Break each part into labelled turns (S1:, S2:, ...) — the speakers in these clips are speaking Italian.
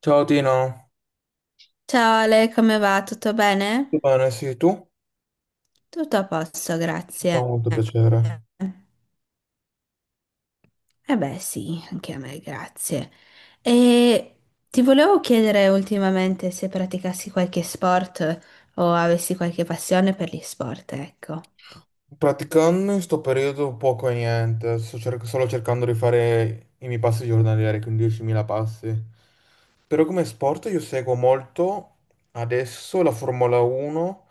S1: Ciao Tino,
S2: Ciao Ale, come va? Tutto
S1: tutto
S2: bene?
S1: bene? Sì, tu? Mi
S2: Tutto a posto,
S1: fa
S2: grazie.
S1: molto piacere.
S2: Eh beh, sì, anche a me, grazie. E ti volevo chiedere ultimamente se praticassi qualche sport o avessi qualche passione per gli sport, ecco.
S1: Praticando in sto periodo poco e niente, solo cercando di fare i miei passi giornalieri, quindi 10.000 passi. Però come sport io seguo molto adesso la Formula 1,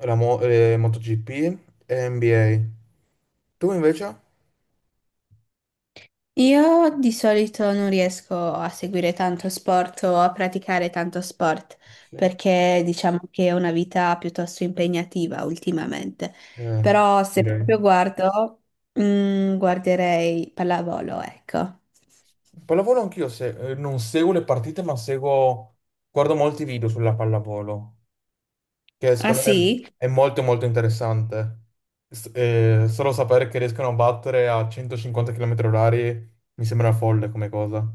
S1: MotoGP e NBA. Tu invece?
S2: Io di solito non riesco a seguire tanto sport o a praticare tanto sport
S1: Sì,
S2: perché diciamo che è una vita piuttosto impegnativa ultimamente.
S1: eh,
S2: Però se
S1: direi.
S2: proprio guardo, guarderei pallavolo, ecco.
S1: Pallavolo anch'io, non seguo le partite, ma seguo, guardo molti video sulla pallavolo, che
S2: Ah
S1: secondo me
S2: sì?
S1: è molto molto interessante. Solo sapere che riescono a battere a 150 km orari mi sembra folle come cosa.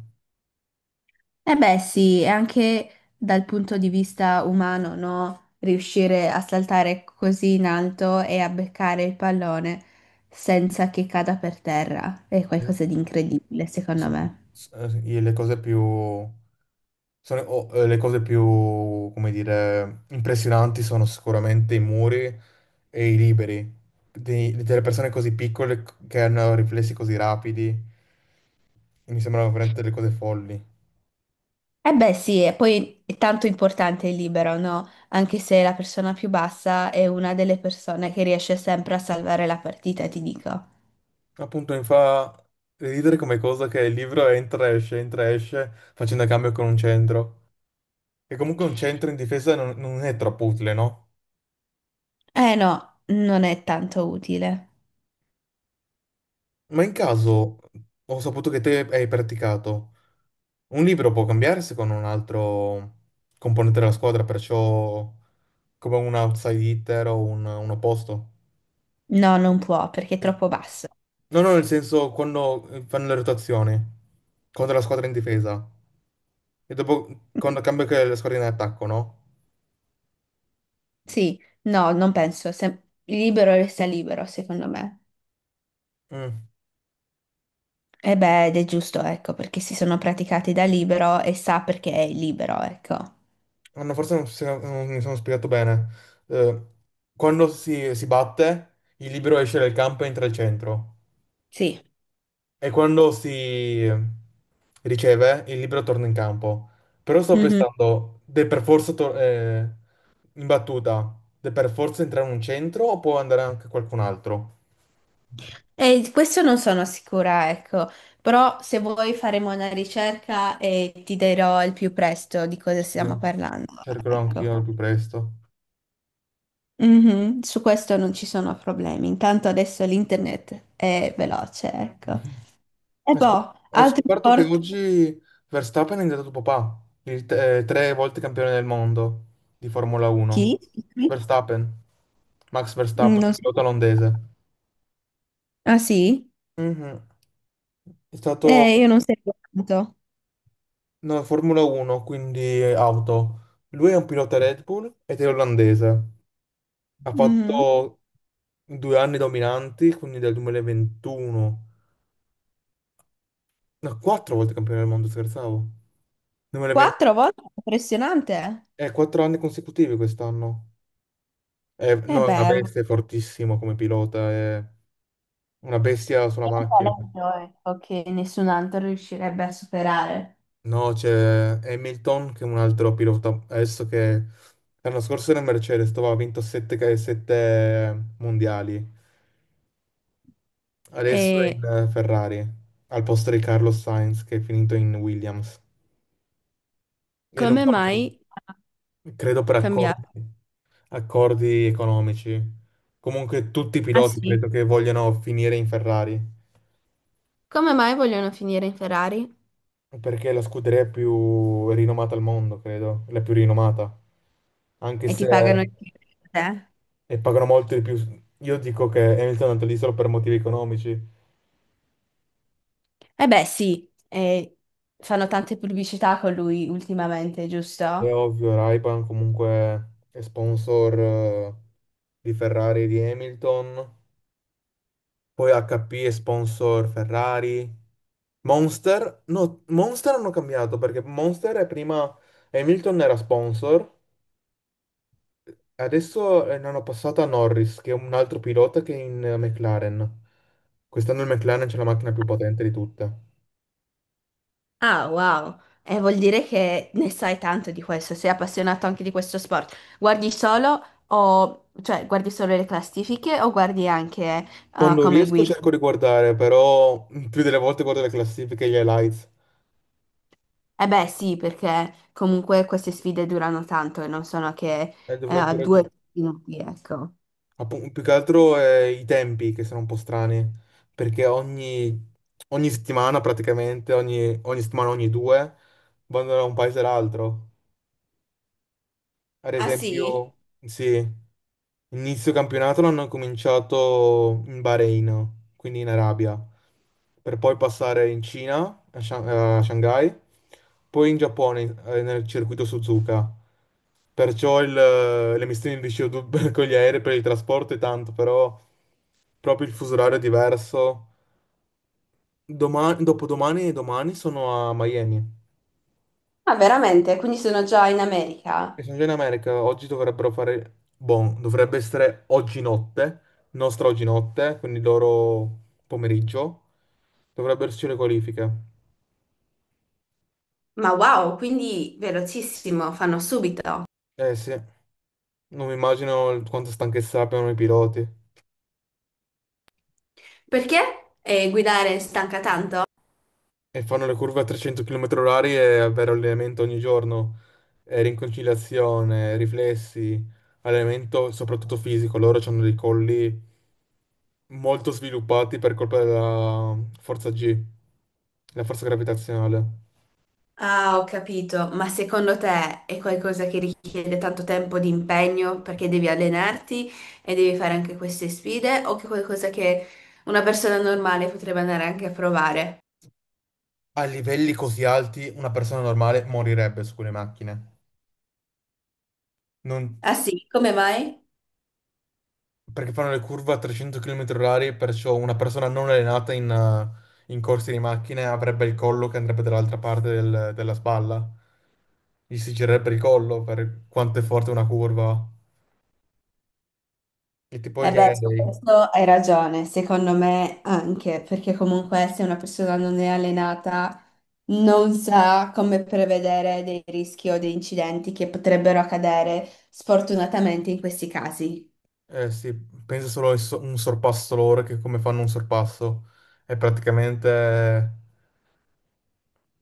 S2: Eh beh, sì, e anche dal punto di vista umano, no? Riuscire a saltare così in alto e a beccare il pallone senza che cada per terra è
S1: Eh,
S2: qualcosa di incredibile, secondo
S1: so-
S2: me.
S1: le cose più, come dire, impressionanti sono sicuramente i muri e i liberi delle persone così piccole che hanno riflessi così rapidi. Mi sembrano veramente delle cose folli.
S2: Eh beh, sì, e poi è tanto importante il libero, no? Anche se la persona più bassa è una delle persone che riesce sempre a salvare la partita, ti dico.
S1: Appunto, mi fa ridere come cosa che il libro entra e esce, facendo cambio con un centro. E comunque un centro in difesa non è troppo utile, no?
S2: Eh no, non è tanto utile.
S1: Ma in caso, ho saputo che te hai praticato, un libro può cambiarsi con un altro componente della squadra, perciò come un outside hitter o un opposto.
S2: No, non può perché è
S1: Eh,
S2: troppo basso.
S1: No, no, nel senso quando fanno le rotazioni contro la squadra in difesa e dopo quando cambia che la squadra in attacco, no?
S2: Sì, no, non penso. Se libero resta libero, secondo me.
S1: Mm.
S2: E beh, ed è giusto, ecco, perché si sono praticati da libero e sa perché è libero, ecco.
S1: Anna, forse non mi sono spiegato bene. Eh, quando si batte, il libero esce dal campo e entra al centro.
S2: Sì.
S1: E quando si riceve, il libero torna in campo. Però sto
S2: Mhm.
S1: pensando, deve per forza tor- in battuta, deve per forza entrare un centro o può andare anche qualcun altro?
S2: E questo non sono sicura, ecco, però se vuoi faremo una ricerca e ti dirò al più presto di cosa
S1: Sì,
S2: stiamo parlando,
S1: cercherò
S2: ecco.
S1: anch'io al più presto.
S2: Mhm. Su questo non ci sono problemi, intanto adesso l'internet è veloce, ecco. E
S1: Ho scop-
S2: boh,
S1: ho
S2: altri
S1: scoperto che
S2: portali?
S1: oggi Verstappen è diventato papà, tre volte campione del mondo di Formula 1.
S2: Chi? Scusami.
S1: Verstappen, Max Verstappen,
S2: Non so.
S1: pilota olandese.
S2: Ah sì?
S1: Mhm. È
S2: Io
S1: stato
S2: non seguo tanto.
S1: no, Formula 1, quindi auto. Lui è un pilota Red Bull ed è olandese. Ha
S2: Mhm.
S1: fatto 2 anni dominanti, quindi dal 2021. No, quattro volte campione del mondo, scherzavo. 2020,
S2: Quattro volte? Impressionante. Eh.
S1: 4 anni consecutivi quest'anno. È- no, è una
S2: Beh, ma-
S1: bestia, è fortissimo come pilota, è una bestia sulla
S2: è un po'
S1: macchina.
S2: l'audio, ecco, che nessun altro riuscirebbe a superare.
S1: No, c'è Hamilton che è un altro pilota, adesso che l'anno scorso era in Mercedes, dove ha vinto 7 mondiali, adesso è in
S2: E
S1: Ferrari, al posto di Carlos Sainz che è finito in Williams. E non
S2: come
S1: sta
S2: mai
S1: facendo, credo per accordi,
S2: cambiare?
S1: accordi economici. Comunque tutti i
S2: Ah
S1: piloti
S2: sì?
S1: credo che vogliano finire in Ferrari.
S2: Come mai vogliono finire in Ferrari?
S1: Perché è la scuderia più rinomata al mondo, credo, la più rinomata, anche
S2: E ti
S1: se
S2: pagano il te? Eh.
S1: e pagano molto di più. Io dico che Hamilton è andato lì solo per motivi economici.
S2: Beh, sì, fanno tante pubblicità con lui ultimamente,
S1: È
S2: giusto?
S1: ovvio, Ray-Ban comunque è sponsor di Ferrari e di Hamilton, poi HP è sponsor Ferrari. Monster, no, Monster hanno cambiato perché Monster è prima Hamilton era sponsor. Adesso ne hanno passata a Norris, che è un altro pilota che è in McLaren. Quest'anno il McLaren c'è la macchina più potente di tutte.
S2: Ah, wow. Vuol dire che ne sai tanto di questo, sei appassionato anche di questo sport. Guardi solo o, cioè, guardi solo le classifiche o guardi anche
S1: Quando
S2: come
S1: riesco
S2: guida?
S1: cerco di guardare, però più delle volte guardo le classifiche e gli highlights.
S2: Eh beh, sì, perché comunque queste sfide durano tanto e non sono che
S1: E dovrebbero...
S2: due
S1: giu-
S2: minuti, ecco.
S1: Più che altro i tempi, che sono un po' strani, perché ogni settimana praticamente, ogni settimana, ogni due, vanno da un paese all'altro. Ad
S2: Ah sì?
S1: esempio, sì, inizio campionato l'hanno cominciato in Bahrain, quindi in Arabia, per poi passare in Cina, a Shanghai, poi in Giappone, nel circuito Suzuka. Perciò le emissioni di CO2 con gli aerei per il trasporto è tanto, però proprio il fuso orario è diverso. Domani, dopodomani e domani sono a Miami.
S2: Ah, veramente? Quindi sono già in
S1: E
S2: America?
S1: sono già in America, oggi dovrebbero fare, bon, dovrebbe essere oggi notte, nostra oggi notte, quindi loro pomeriggio. Dovrebbero esserci le qualifiche.
S2: Ma wow, quindi velocissimo, fanno subito.
S1: Eh sì, non mi immagino quanta stanchezza abbiano i piloti.
S2: Perché guidare stanca tanto?
S1: E fanno le curve a 300 km orari e avere allenamento ogni giorno. Rinconciliazione, riflessi, allenamento soprattutto fisico. Loro hanno dei colli molto sviluppati per colpa della forza G, la forza gravitazionale.
S2: Ah, ho capito, ma secondo te è qualcosa che richiede tanto tempo di impegno perché devi allenarti e devi fare anche queste sfide o che è qualcosa che una persona normale potrebbe andare anche a provare?
S1: A livelli così alti una persona normale morirebbe su quelle macchine. Non-
S2: Ah sì, come mai?
S1: Perché fanno le curve a 300 km orari, perciò una persona non allenata in corsi di macchine avrebbe il collo che andrebbe dall'altra parte della spalla. Gli si girerebbe il collo per quanto è forte una curva. E tipo
S2: Eh
S1: gli
S2: beh, su
S1: aerei.
S2: questo hai ragione, secondo me anche, perché comunque se una persona non è allenata non sa come prevedere dei rischi o dei incidenti che potrebbero accadere sfortunatamente in questi casi.
S1: Eh sì, pensa solo a un sorpasso loro che come fanno un sorpasso. È praticamente.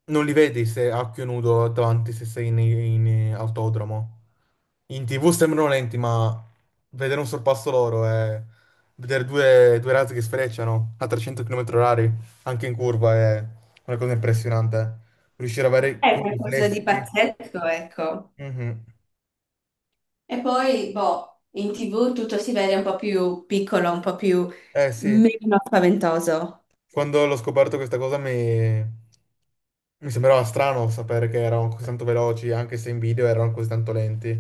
S1: Non li vedi se a occhio nudo davanti se sei in autodromo. In TV sembrano lenti, ma vedere un sorpasso loro e vedere due razzi che sfrecciano a 300 km orari, anche in curva, è una cosa impressionante. Riuscire ad avere
S2: È
S1: quei
S2: qualcosa di
S1: riflessi.
S2: pazzesco, ecco.
S1: Mhm.
S2: E poi, boh, in TV tutto si vede un po' più piccolo, un po' più
S1: Eh sì,
S2: meno spaventoso.
S1: quando l'ho scoperto questa cosa mi sembrava strano sapere che erano così tanto veloci, anche se in video erano così tanto lenti.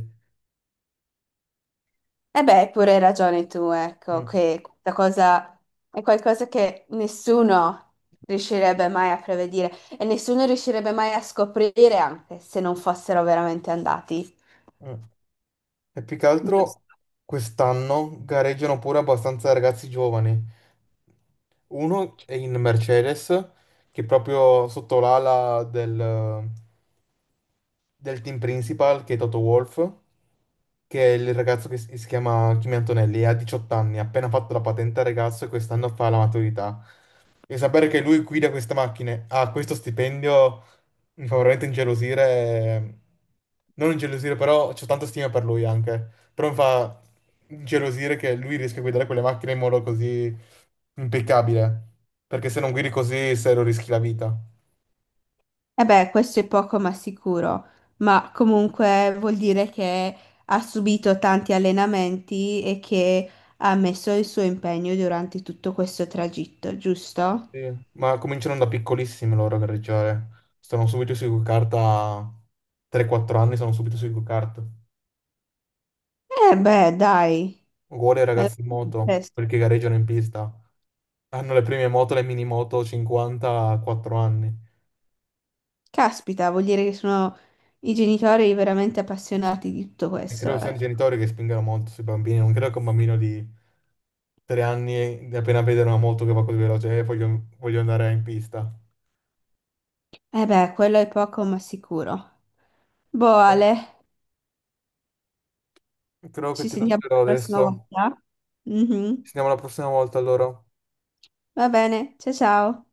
S2: E beh, hai pure ragione tu, ecco,
S1: Mm,
S2: che questa cosa è qualcosa che nessuno riuscirebbe mai a prevedere e nessuno riuscirebbe mai a scoprire anche se non fossero veramente andati.
S1: mm. E più che altro
S2: Giusto.
S1: quest'anno gareggiano pure abbastanza ragazzi giovani. Uno è in Mercedes, che è proprio sotto l'ala del team principal, che è Toto Wolff, che è il ragazzo che si chiama Kimi Antonelli, ha 18 anni, ha appena fatto la patente al ragazzo e quest'anno fa la maturità. E sapere che lui guida queste macchine, ha questo stipendio, mi fa veramente ingelosire. Non ingelosire, però c'ho tanta stima per lui anche. Però mi fa ingelosire che lui riesca a guidare quelle macchine in modo così impeccabile. Perché se non guidi così, serio, rischi la vita.
S2: Eh beh, questo è poco ma sicuro, ma comunque vuol dire che ha subito tanti allenamenti e che ha messo il suo impegno durante tutto questo tragitto, giusto?
S1: Sì. Ma cominciano da piccolissimi loro a gareggiare. Stanno subito sui go-kart a 3-4 anni, sono subito sui go-kart.
S2: Eh beh, dai.
S1: Uguale ai
S2: Eh,
S1: ragazzi in moto,
S2: eh,
S1: quelli che gareggiano in pista. Hanno le prime moto, le mini moto 54 anni.
S2: Caspita, vuol dire che sono i genitori veramente appassionati di tutto
S1: E credo
S2: questo,
S1: che siano i
S2: ecco.
S1: genitori che spingono molto sui bambini. Non credo che un bambino di 3 anni, appena vede una moto che va così veloce, voglio, voglio andare in pista.
S2: Eh beh, quello è poco ma sicuro. Boh,
S1: Eh.
S2: Ale,
S1: Credo che
S2: ci
S1: ti
S2: sentiamo la
S1: lascerò
S2: prossima
S1: adesso.
S2: volta.
S1: Ci
S2: Mhm.
S1: vediamo la prossima volta allora.
S2: Va bene, ciao ciao.